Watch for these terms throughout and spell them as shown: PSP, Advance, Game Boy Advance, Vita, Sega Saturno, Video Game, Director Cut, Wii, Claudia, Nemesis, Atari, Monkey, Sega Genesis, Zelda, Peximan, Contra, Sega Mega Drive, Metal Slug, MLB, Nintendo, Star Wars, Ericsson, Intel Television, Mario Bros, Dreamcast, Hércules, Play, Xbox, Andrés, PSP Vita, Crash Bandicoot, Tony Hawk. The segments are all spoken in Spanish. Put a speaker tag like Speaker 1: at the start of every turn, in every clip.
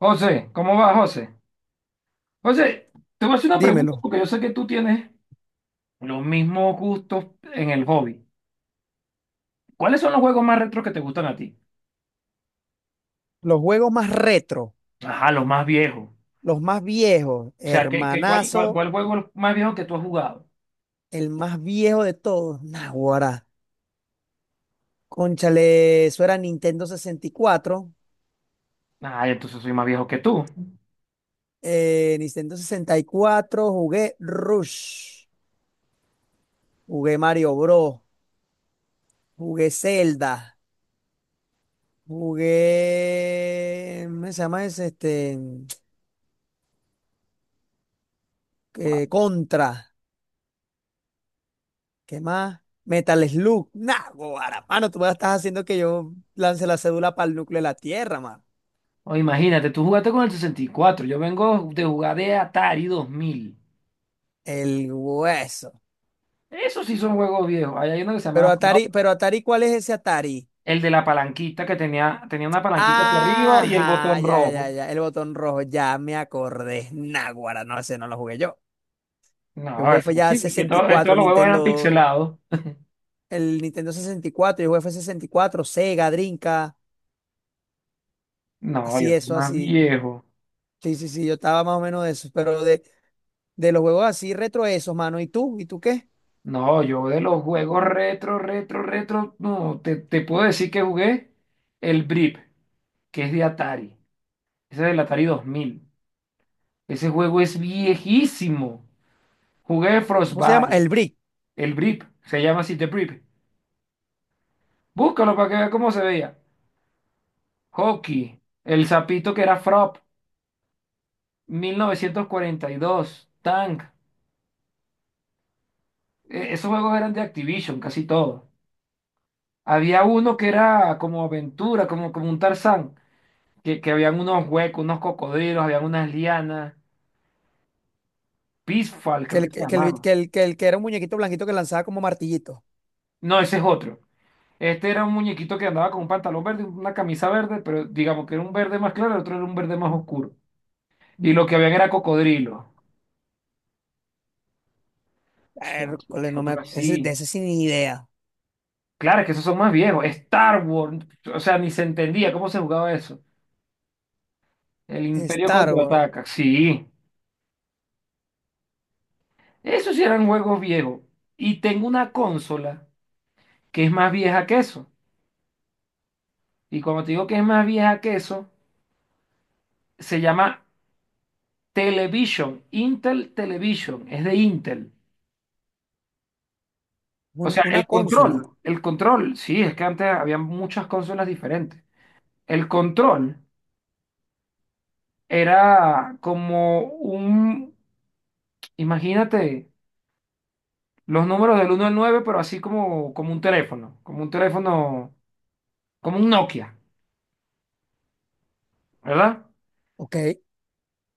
Speaker 1: José, ¿cómo va, José? José, te voy a hacer una pregunta
Speaker 2: Dímelo,
Speaker 1: porque yo sé que tú tienes los mismos gustos en el hobby. ¿Cuáles son los juegos más retros que te gustan a ti?
Speaker 2: los juegos más retro,
Speaker 1: Ajá, los más viejos.
Speaker 2: los más viejos,
Speaker 1: O sea, ¿qué, qué- cuál, cuál,
Speaker 2: hermanazo,
Speaker 1: cuál juego es el más viejo que tú has jugado?
Speaker 2: el más viejo de todos, Naguará. Cónchale, eso era Nintendo 64.
Speaker 1: Ah, entonces soy más viejo que tú.
Speaker 2: Nintendo sesenta y cuatro jugué Rush, jugué Mario Bros, jugué Zelda, jugué. ¿Cómo se llama ese? Este,
Speaker 1: Guau.
Speaker 2: Contra, ¿qué más? Metal Slug, Naguará. Mano, tú me estás haciendo que yo lance la cédula para el núcleo de la Tierra.
Speaker 1: O imagínate, tú jugaste con el 64. Yo vengo de jugar de Atari 2000.
Speaker 2: El hueso.
Speaker 1: Esos sí son juegos viejos. Ahí hay uno que se
Speaker 2: Pero
Speaker 1: llamaba Frog,
Speaker 2: Atari, pero Atari, ¿cuál es ese Atari?
Speaker 1: el de la palanquita que tenía una palanquita hacia arriba y el
Speaker 2: Ajá,
Speaker 1: botón
Speaker 2: ya, ya,
Speaker 1: rojo.
Speaker 2: ya. El botón rojo, ya me acordé. Náguara, no, ese no lo jugué yo. Yo
Speaker 1: No,
Speaker 2: jugué fue
Speaker 1: eso
Speaker 2: ya
Speaker 1: sí,
Speaker 2: sesenta y
Speaker 1: que todos
Speaker 2: cuatro
Speaker 1: los juegos eran
Speaker 2: Nintendo,
Speaker 1: pixelados.
Speaker 2: el Nintendo 64, yo jugué fue sesenta y cuatro, Sega, Drinka,
Speaker 1: No,
Speaker 2: así
Speaker 1: yo soy
Speaker 2: eso,
Speaker 1: más
Speaker 2: así.
Speaker 1: viejo.
Speaker 2: Sí, sí, sí, yo estaba más o menos de eso. Pero de los juegos así retro esos, mano. ¿Y tú? ¿Y tú qué?
Speaker 1: No, yo de los juegos retro, retro, retro, no, te puedo decir que jugué el Brip, que es de Atari. Ese es del Atari 2000. Ese juego es viejísimo. Jugué
Speaker 2: ¿Cómo se llama?
Speaker 1: Frostbite,
Speaker 2: El Brick,
Speaker 1: el Brip, se llama así, The Brip. Búscalo para que veas cómo se veía. Hockey, el sapito que era Frop, 1942 Tank. Esos juegos eran de Activision, casi todos. Había uno que era como aventura, como un Tarzán, que habían unos huecos, unos cocodrilos, habían unas lianas, Peaceful, creo que se
Speaker 2: que el,
Speaker 1: llamaba.
Speaker 2: que el, que el que era un muñequito blanquito que lanzaba como martillito.
Speaker 1: No, ese es otro. Este era un muñequito que andaba con un pantalón verde, una camisa verde, pero digamos que era un verde más claro, el otro era un verde más oscuro. Y lo que habían era cocodrilos.
Speaker 2: Hércules, no
Speaker 1: Otro
Speaker 2: me, de
Speaker 1: así.
Speaker 2: ese sin idea.
Speaker 1: Claro, es que esos son más viejos. Star Wars, o sea, ni se entendía cómo se jugaba eso. El Imperio
Speaker 2: Star Wars,
Speaker 1: contraataca, sí. Esos sí eran juegos viejos. Y tengo una consola que es más vieja que eso. Y cuando te digo que es más vieja que eso, se llama Television, Intel Television, es de Intel. O sea,
Speaker 2: una
Speaker 1: el
Speaker 2: consola,
Speaker 1: control, el control, sí, es que antes había muchas consolas diferentes. El control era como un, imagínate, los números del uno al 9 pero así como un teléfono, como un teléfono, como un Nokia, ¿verdad?
Speaker 2: ok,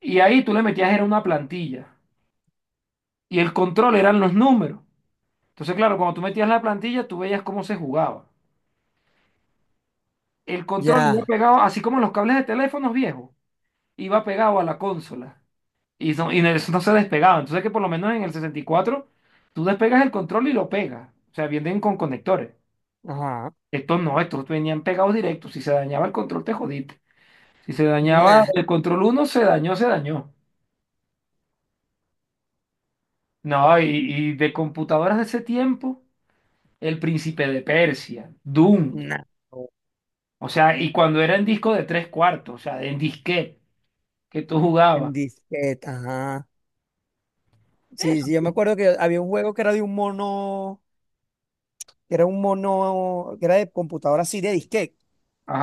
Speaker 1: Y ahí tú le metías, era una plantilla. Y el control eran los números. Entonces, claro, cuando tú metías la plantilla, tú veías cómo se jugaba. El control iba
Speaker 2: ya,
Speaker 1: pegado, así como los cables de teléfonos viejos, iba pegado a la consola. Y no, eso no se despegaba. Entonces, que por lo menos en el 64, tú despegas el control y lo pegas. O sea, vienen con conectores.
Speaker 2: ajá,
Speaker 1: Estos no, estos venían pegados directos. Si se dañaba el control, te jodiste. Si se dañaba
Speaker 2: nah,
Speaker 1: el control uno se dañó, se dañó. No, y de computadoras de ese tiempo, el Príncipe de Persia, Doom.
Speaker 2: nah,
Speaker 1: O sea, y cuando era en disco de tres cuartos, o sea, en disquete que tú
Speaker 2: en
Speaker 1: jugabas.
Speaker 2: disquete, ajá. Sí,
Speaker 1: Eso.
Speaker 2: sí, yo me acuerdo que había un juego que era de un mono, que era un mono, que era de computadora así, de disquete.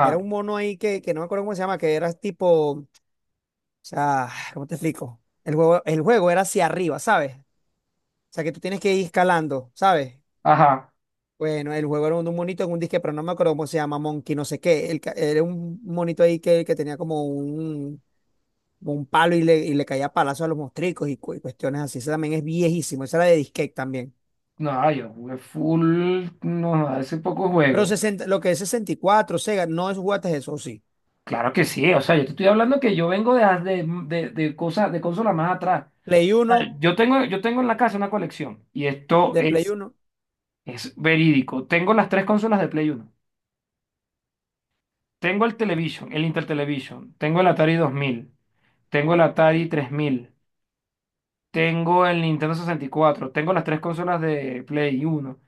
Speaker 2: Era un mono ahí que no me acuerdo cómo se llama, que era tipo, o sea, ¿cómo te explico? El juego era hacia arriba, ¿sabes? O sea, que tú tienes que ir escalando, ¿sabes?
Speaker 1: ajá.
Speaker 2: Bueno, el juego era un monito en un disque, pero no me acuerdo cómo se llama, Monkey, no sé qué. Era un monito ahí que tenía como un palo y le caía palazo a los mostricos y cuestiones así. Ese también es viejísimo, esa era de disquete también.
Speaker 1: No, yo jugué full, no, hace poco
Speaker 2: Pero
Speaker 1: juego.
Speaker 2: 60, lo que es sesenta y cuatro, Sega, no es jugaste eso, sí.
Speaker 1: Claro que sí, o sea, yo te estoy hablando que yo vengo de cosas, de consolas más atrás.
Speaker 2: Play
Speaker 1: O
Speaker 2: uno,
Speaker 1: sea, yo tengo en la casa una colección y esto
Speaker 2: de Play
Speaker 1: es,
Speaker 2: uno,
Speaker 1: es verídico. Tengo las tres consolas de Play Uno. Tengo el Television, el Intel Television. Tengo el Atari 2000. Tengo el Atari 3000. Tengo el Nintendo 64. Tengo las tres consolas de Play uno.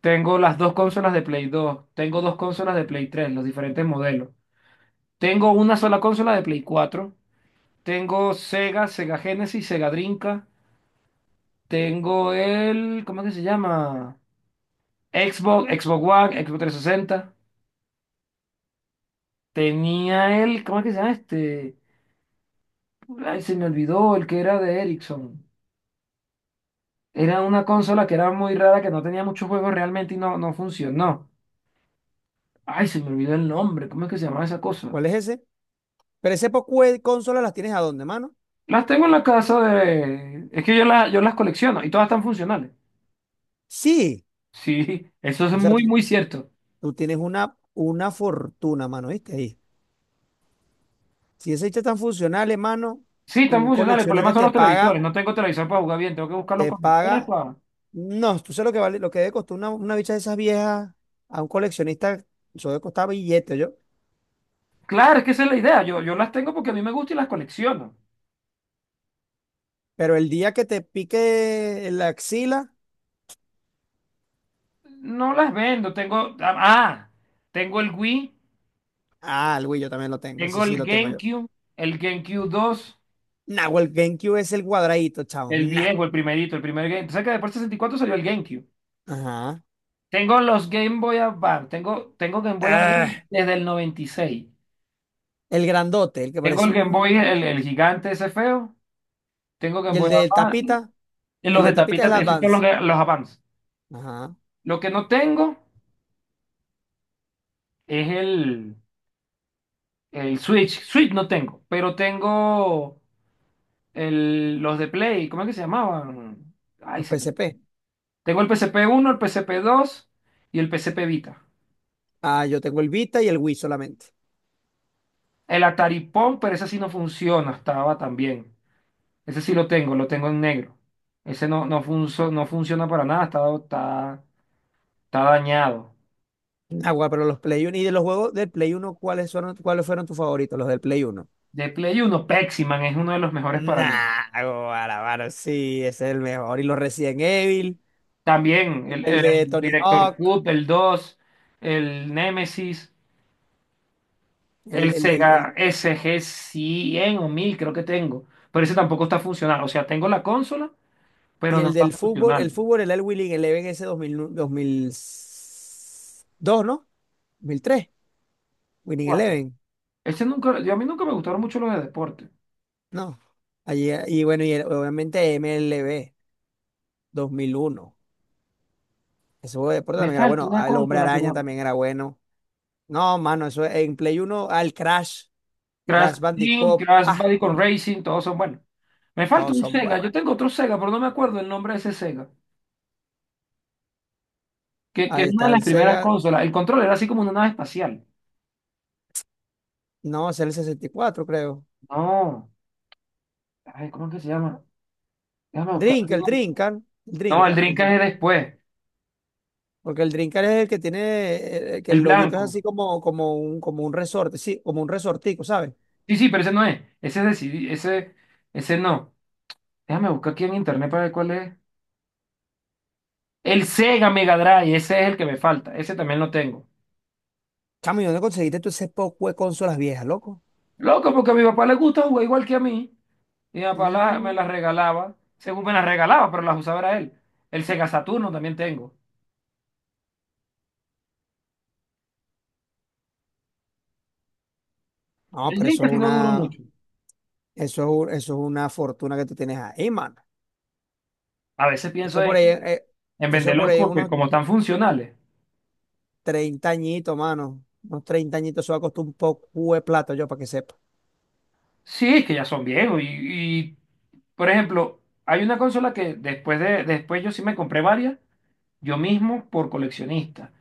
Speaker 1: Tengo las dos consolas de Play dos. Tengo dos consolas de Play tres, los diferentes modelos. Tengo una sola consola de Play cuatro. Tengo Sega, Sega Genesis, Sega Drinka. Tengo el... ¿Cómo es que se llama? Xbox, Xbox One, Xbox 360. Tenía el... ¿Cómo es que se llama este? Ay, se me olvidó, el que era de Ericsson. Era una consola que era muy rara, que no tenía muchos juegos realmente y no funcionó. Ay, se me olvidó el nombre. ¿Cómo es que se llama esa cosa?
Speaker 2: ¿cuál es ese? ¿Pero ese poco de consolas las tienes a dónde, mano?
Speaker 1: Las tengo en la casa de... Es que yo las colecciono y todas están funcionales.
Speaker 2: Sí,
Speaker 1: Sí, eso es
Speaker 2: o sea,
Speaker 1: muy,
Speaker 2: tú,
Speaker 1: muy cierto.
Speaker 2: tú tienes una fortuna, mano, ¿viste? Ahí. Si ese hecho tan funcional, hermano,
Speaker 1: Sí, están
Speaker 2: un
Speaker 1: funcionales. El problema
Speaker 2: coleccionista
Speaker 1: son
Speaker 2: te
Speaker 1: los televisores.
Speaker 2: paga.
Speaker 1: No tengo televisor para jugar bien. Tengo que buscar los
Speaker 2: Te
Speaker 1: conectores
Speaker 2: paga.
Speaker 1: para...
Speaker 2: No, tú sabes lo que vale, lo que debe costar una bicha de esas viejas a un coleccionista, eso debe costar billete, yo.
Speaker 1: Claro, es que esa es la idea. Yo las tengo porque a mí me gusta y las colecciono.
Speaker 2: Pero el día que te pique la axila,
Speaker 1: No las vendo. Tengo... Ah, tengo el Wii,
Speaker 2: ah, el Wii yo también lo tengo, ese
Speaker 1: tengo
Speaker 2: sí lo tengo yo.
Speaker 1: El GameCube 2,
Speaker 2: Nah, o el GameCube es el cuadradito, chavo.
Speaker 1: el
Speaker 2: Nah.
Speaker 1: viejo, el primerito, el primer Game. ¿Sabes que después del 64 salió el GameCube?
Speaker 2: Ajá.
Speaker 1: Tengo los Game Boy Advance, tengo Game Boy
Speaker 2: Ah,
Speaker 1: Advance desde el 96.
Speaker 2: el grandote, el que
Speaker 1: Tengo
Speaker 2: parece
Speaker 1: el Game Boy,
Speaker 2: un.
Speaker 1: el gigante ese feo. Tengo Game
Speaker 2: Y
Speaker 1: Boy Advance. Y los
Speaker 2: el
Speaker 1: de
Speaker 2: de tapita
Speaker 1: tapita,
Speaker 2: es el
Speaker 1: esos son los,
Speaker 2: Advance.
Speaker 1: los Advance.
Speaker 2: Ajá.
Speaker 1: Lo que no tengo es el Switch. Switch no tengo, pero tengo los de Play. ¿Cómo es que se llamaban? Ay,
Speaker 2: Los
Speaker 1: se me-
Speaker 2: PSP.
Speaker 1: Tengo el PSP uno, el PSP 2 y el PSP Vita.
Speaker 2: Ah, yo tengo el Vita y el Wii solamente.
Speaker 1: El Atari Pong, pero ese sí no funciona, estaba también. Ese sí lo tengo en negro. Ese no funciona para nada, está dañado.
Speaker 2: Agua, pero los Play 1 y de los juegos del Play uno, ¿cuáles fueron tus favoritos? Los del Play uno.
Speaker 1: De Play Uno Peximan es uno de los mejores para mí.
Speaker 2: Nah, guara, mano, sí, ese es el mejor. Y los Resident Evil,
Speaker 1: También
Speaker 2: y
Speaker 1: el,
Speaker 2: el
Speaker 1: el
Speaker 2: de Tony
Speaker 1: Director
Speaker 2: Hawk,
Speaker 1: Cut, el 2, el Nemesis,
Speaker 2: el,
Speaker 1: el
Speaker 2: el, el, el-
Speaker 1: Sega SG Cien o 1000 creo que tengo. Pero ese tampoco está funcional. O sea, tengo la consola,
Speaker 2: y
Speaker 1: pero no
Speaker 2: el
Speaker 1: está
Speaker 2: del
Speaker 1: funcional.
Speaker 2: fútbol, el Winning Eleven ese dos, dos mil, dos mil dos, ¿no? Dos mil tres, Winning Eleven,
Speaker 1: Ese nunca, a mí nunca me gustaron mucho los de deporte.
Speaker 2: no. Allí, y bueno, obviamente MLB 2001. Ese juego de deporte
Speaker 1: Me
Speaker 2: también era
Speaker 1: falta
Speaker 2: bueno.
Speaker 1: una
Speaker 2: El Hombre
Speaker 1: consola que no.
Speaker 2: Araña también era bueno. No, mano, en Play Uno, al Crash,
Speaker 1: Crash
Speaker 2: Crash
Speaker 1: Team,
Speaker 2: Bandicoot,
Speaker 1: Crash Bandicoot Racing, todos son buenos. Me falta
Speaker 2: todos
Speaker 1: un
Speaker 2: son
Speaker 1: Sega,
Speaker 2: buenos.
Speaker 1: yo tengo otro Sega, pero no me acuerdo el nombre de ese Sega, que es
Speaker 2: Ahí
Speaker 1: una de
Speaker 2: está
Speaker 1: las
Speaker 2: el
Speaker 1: primeras
Speaker 2: Sega.
Speaker 1: consolas. El control era así como una nave espacial.
Speaker 2: No, es el 64, creo.
Speaker 1: No, ay, ¿cómo es que se llama? Déjame buscar.
Speaker 2: El Drinker, el
Speaker 1: No, el
Speaker 2: Drinker, el
Speaker 1: Dreamcast
Speaker 2: Drinker.
Speaker 1: es después,
Speaker 2: Porque el Drinker es el que tiene, que
Speaker 1: el
Speaker 2: el loguito es así
Speaker 1: blanco.
Speaker 2: como, como un resorte, sí, como un resortico, ¿sabes?
Speaker 1: Sí, sí, pero ese no es. Ese es de CD, ese no. Déjame buscar aquí en internet para ver cuál es. El Sega Mega Drive, ese es el que me falta, ese también lo tengo.
Speaker 2: Chamo, ¿y dónde conseguiste tú ese poco de consolas viejas, loco?
Speaker 1: Loco, porque a mi papá le gusta jugar igual que a mí. Mi papá me
Speaker 2: Mm.
Speaker 1: las regalaba, según me las regalaba, pero las usaba era él. El Sega Saturno también tengo.
Speaker 2: No,
Speaker 1: El
Speaker 2: pero
Speaker 1: Dream casi no duró mucho.
Speaker 2: eso es una fortuna que tú tienes ahí, mano.
Speaker 1: A veces pienso
Speaker 2: Eso por ahí,
Speaker 1: en,
Speaker 2: eh,
Speaker 1: en
Speaker 2: eso por
Speaker 1: venderlos
Speaker 2: ahí
Speaker 1: porque
Speaker 2: unos
Speaker 1: como están funcionales.
Speaker 2: 30 añitos, mano. Unos 30 añitos, eso va a costar un poco de plata, yo, para que sepa.
Speaker 1: Sí, es que ya son viejos. Y, por ejemplo, hay una consola que después yo sí me compré varias, yo mismo por coleccionista,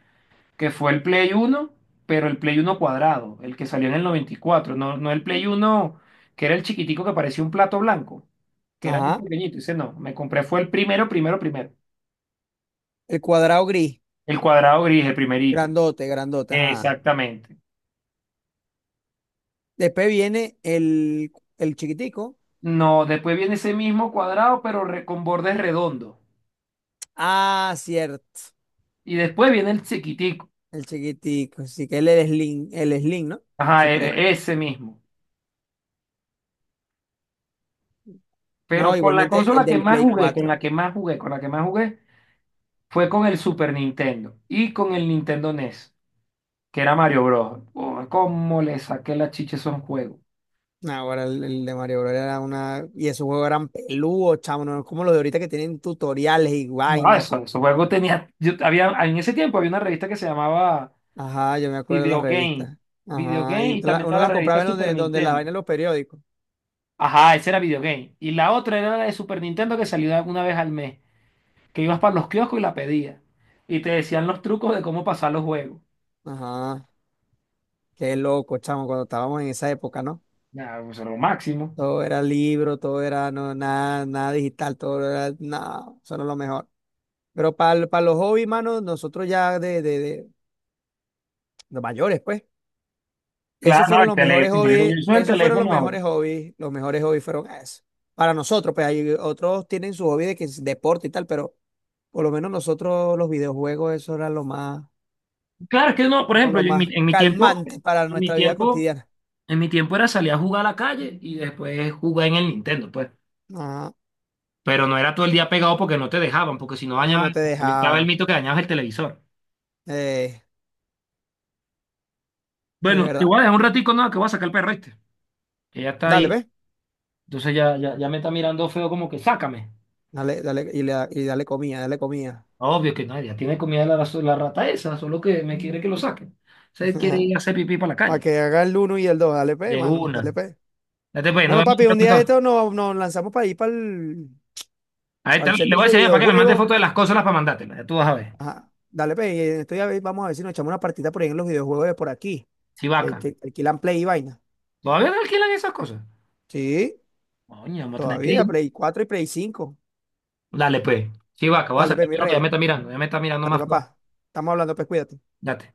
Speaker 1: que fue el Play uno pero el Play uno cuadrado, el que salió en el 94 no, no el Play uno que era el chiquitico que parecía un plato blanco, que era muy
Speaker 2: Ajá,
Speaker 1: pequeñito. Dice, no, me compré fue el primero, primero, primero.
Speaker 2: el cuadrado gris,
Speaker 1: El cuadrado gris, el primerito.
Speaker 2: grandote, grandote, ajá.
Speaker 1: Exactamente.
Speaker 2: Después viene el chiquitico.
Speaker 1: No, después viene ese mismo cuadrado, pero con bordes redondos.
Speaker 2: Ah, cierto.
Speaker 1: Y después viene el chiquitico.
Speaker 2: El chiquitico. Sí, que él es Slim, el Slim, ¿no?
Speaker 1: Ajá,
Speaker 2: Supre.
Speaker 1: ese mismo. Pero
Speaker 2: No,
Speaker 1: con la
Speaker 2: igualmente el
Speaker 1: consola que
Speaker 2: del
Speaker 1: más
Speaker 2: Play
Speaker 1: jugué, con la
Speaker 2: cuatro
Speaker 1: que más jugué, con la que más jugué, fue con el Super Nintendo y con el Nintendo NES, que era Mario Bros. Oh, ¿cómo le saqué la chicha a esos juegos?
Speaker 2: No, ahora el de Mario Bros. Era una. Y esos juegos eran peludos, chamo. No es como los de ahorita que tienen tutoriales y
Speaker 1: No, ah,
Speaker 2: vaina.
Speaker 1: esos juegos en ese tiempo había una revista que se llamaba
Speaker 2: Ajá, yo me acuerdo de las
Speaker 1: Video Game,
Speaker 2: revistas.
Speaker 1: Video
Speaker 2: Ajá,
Speaker 1: Game
Speaker 2: y
Speaker 1: y
Speaker 2: tú
Speaker 1: también
Speaker 2: uno
Speaker 1: estaba
Speaker 2: las
Speaker 1: la
Speaker 2: compraba
Speaker 1: revista
Speaker 2: en
Speaker 1: Super
Speaker 2: donde, las
Speaker 1: Nintendo.
Speaker 2: vainas de los periódicos.
Speaker 1: Ajá, esa era Video Game. Y la otra era la de Super Nintendo que salía una vez al mes, que ibas para los kioscos y la pedías. Y te decían los trucos de cómo pasar los juegos.
Speaker 2: Ajá, qué loco, chamo, cuando estábamos en esa época, ¿no?
Speaker 1: Nada, pues era lo máximo.
Speaker 2: Todo era libro, todo era no, nada, nada digital, todo era nada, eso no es lo mejor. Pero para los hobbies, mano, nosotros ya de los mayores, pues,
Speaker 1: Claro,
Speaker 2: esos
Speaker 1: no,
Speaker 2: fueron
Speaker 1: el
Speaker 2: los mejores
Speaker 1: teléfono. Yo
Speaker 2: hobbies,
Speaker 1: uso el
Speaker 2: esos fueron
Speaker 1: teléfono ahora.
Speaker 2: los mejores hobbies fueron eso. Para nosotros, pues hay otros tienen su hobby de que es deporte y tal, pero por lo menos nosotros los videojuegos, eso era lo más,
Speaker 1: Claro, es que no, por
Speaker 2: como
Speaker 1: ejemplo,
Speaker 2: lo
Speaker 1: yo en mi,
Speaker 2: más
Speaker 1: en mi tiempo,
Speaker 2: calmante para
Speaker 1: en mi
Speaker 2: nuestra vida
Speaker 1: tiempo,
Speaker 2: cotidiana.
Speaker 1: En mi tiempo era salir a jugar a la calle y después jugar en el Nintendo, pues.
Speaker 2: No,
Speaker 1: Pero no era todo el día pegado porque no te dejaban, porque si no
Speaker 2: no, no
Speaker 1: dañaban,
Speaker 2: te
Speaker 1: estaba el
Speaker 2: dejaban,
Speaker 1: mito que dañabas el televisor.
Speaker 2: eh, es
Speaker 1: Bueno, te
Speaker 2: verdad.
Speaker 1: voy a dejar un ratico, no, que voy a sacar el perro este. Que ya está
Speaker 2: Dale,
Speaker 1: ahí.
Speaker 2: ve.
Speaker 1: Entonces ya, ya, ya me está mirando feo como que sácame.
Speaker 2: Dale, dale, y dale comida, dale comida.
Speaker 1: Obvio que no, ya tiene comida la rata esa, solo que me quiere que lo saque. Se quiere ir a hacer pipí para la
Speaker 2: Para
Speaker 1: calle.
Speaker 2: que haga el uno y el dos, dale pe,
Speaker 1: De
Speaker 2: mano, dale
Speaker 1: una.
Speaker 2: pe.
Speaker 1: Date pues, no
Speaker 2: Bueno,
Speaker 1: vemos
Speaker 2: papi, un día de
Speaker 1: entonces.
Speaker 2: esto nos lanzamos para ir para el
Speaker 1: Ahí está, le
Speaker 2: centro
Speaker 1: voy a
Speaker 2: ese de
Speaker 1: decir mira, para que me mande
Speaker 2: videojuegos.
Speaker 1: fotos de las cosas para mandártelas. Ya tú vas a ver.
Speaker 2: Ajá, dale pe, y estoy a ver, vamos a ver si nos echamos una partida por ahí en los videojuegos de por aquí,
Speaker 1: Si
Speaker 2: que,
Speaker 1: vaca.
Speaker 2: que alquilan Play y vaina.
Speaker 1: ¿Todavía no alquilan esas cosas?
Speaker 2: Sí,
Speaker 1: Coño, vamos a tener que
Speaker 2: todavía,
Speaker 1: ir.
Speaker 2: Play 4 y Play 5.
Speaker 1: Dale, pues. Sí, vaca, voy a
Speaker 2: Dale pe,
Speaker 1: sacar
Speaker 2: mi
Speaker 1: lo que ya me
Speaker 2: rey,
Speaker 1: está mirando, ya me está mirando
Speaker 2: dale
Speaker 1: más feo.
Speaker 2: papá. Estamos hablando, pues cuídate.
Speaker 1: Date.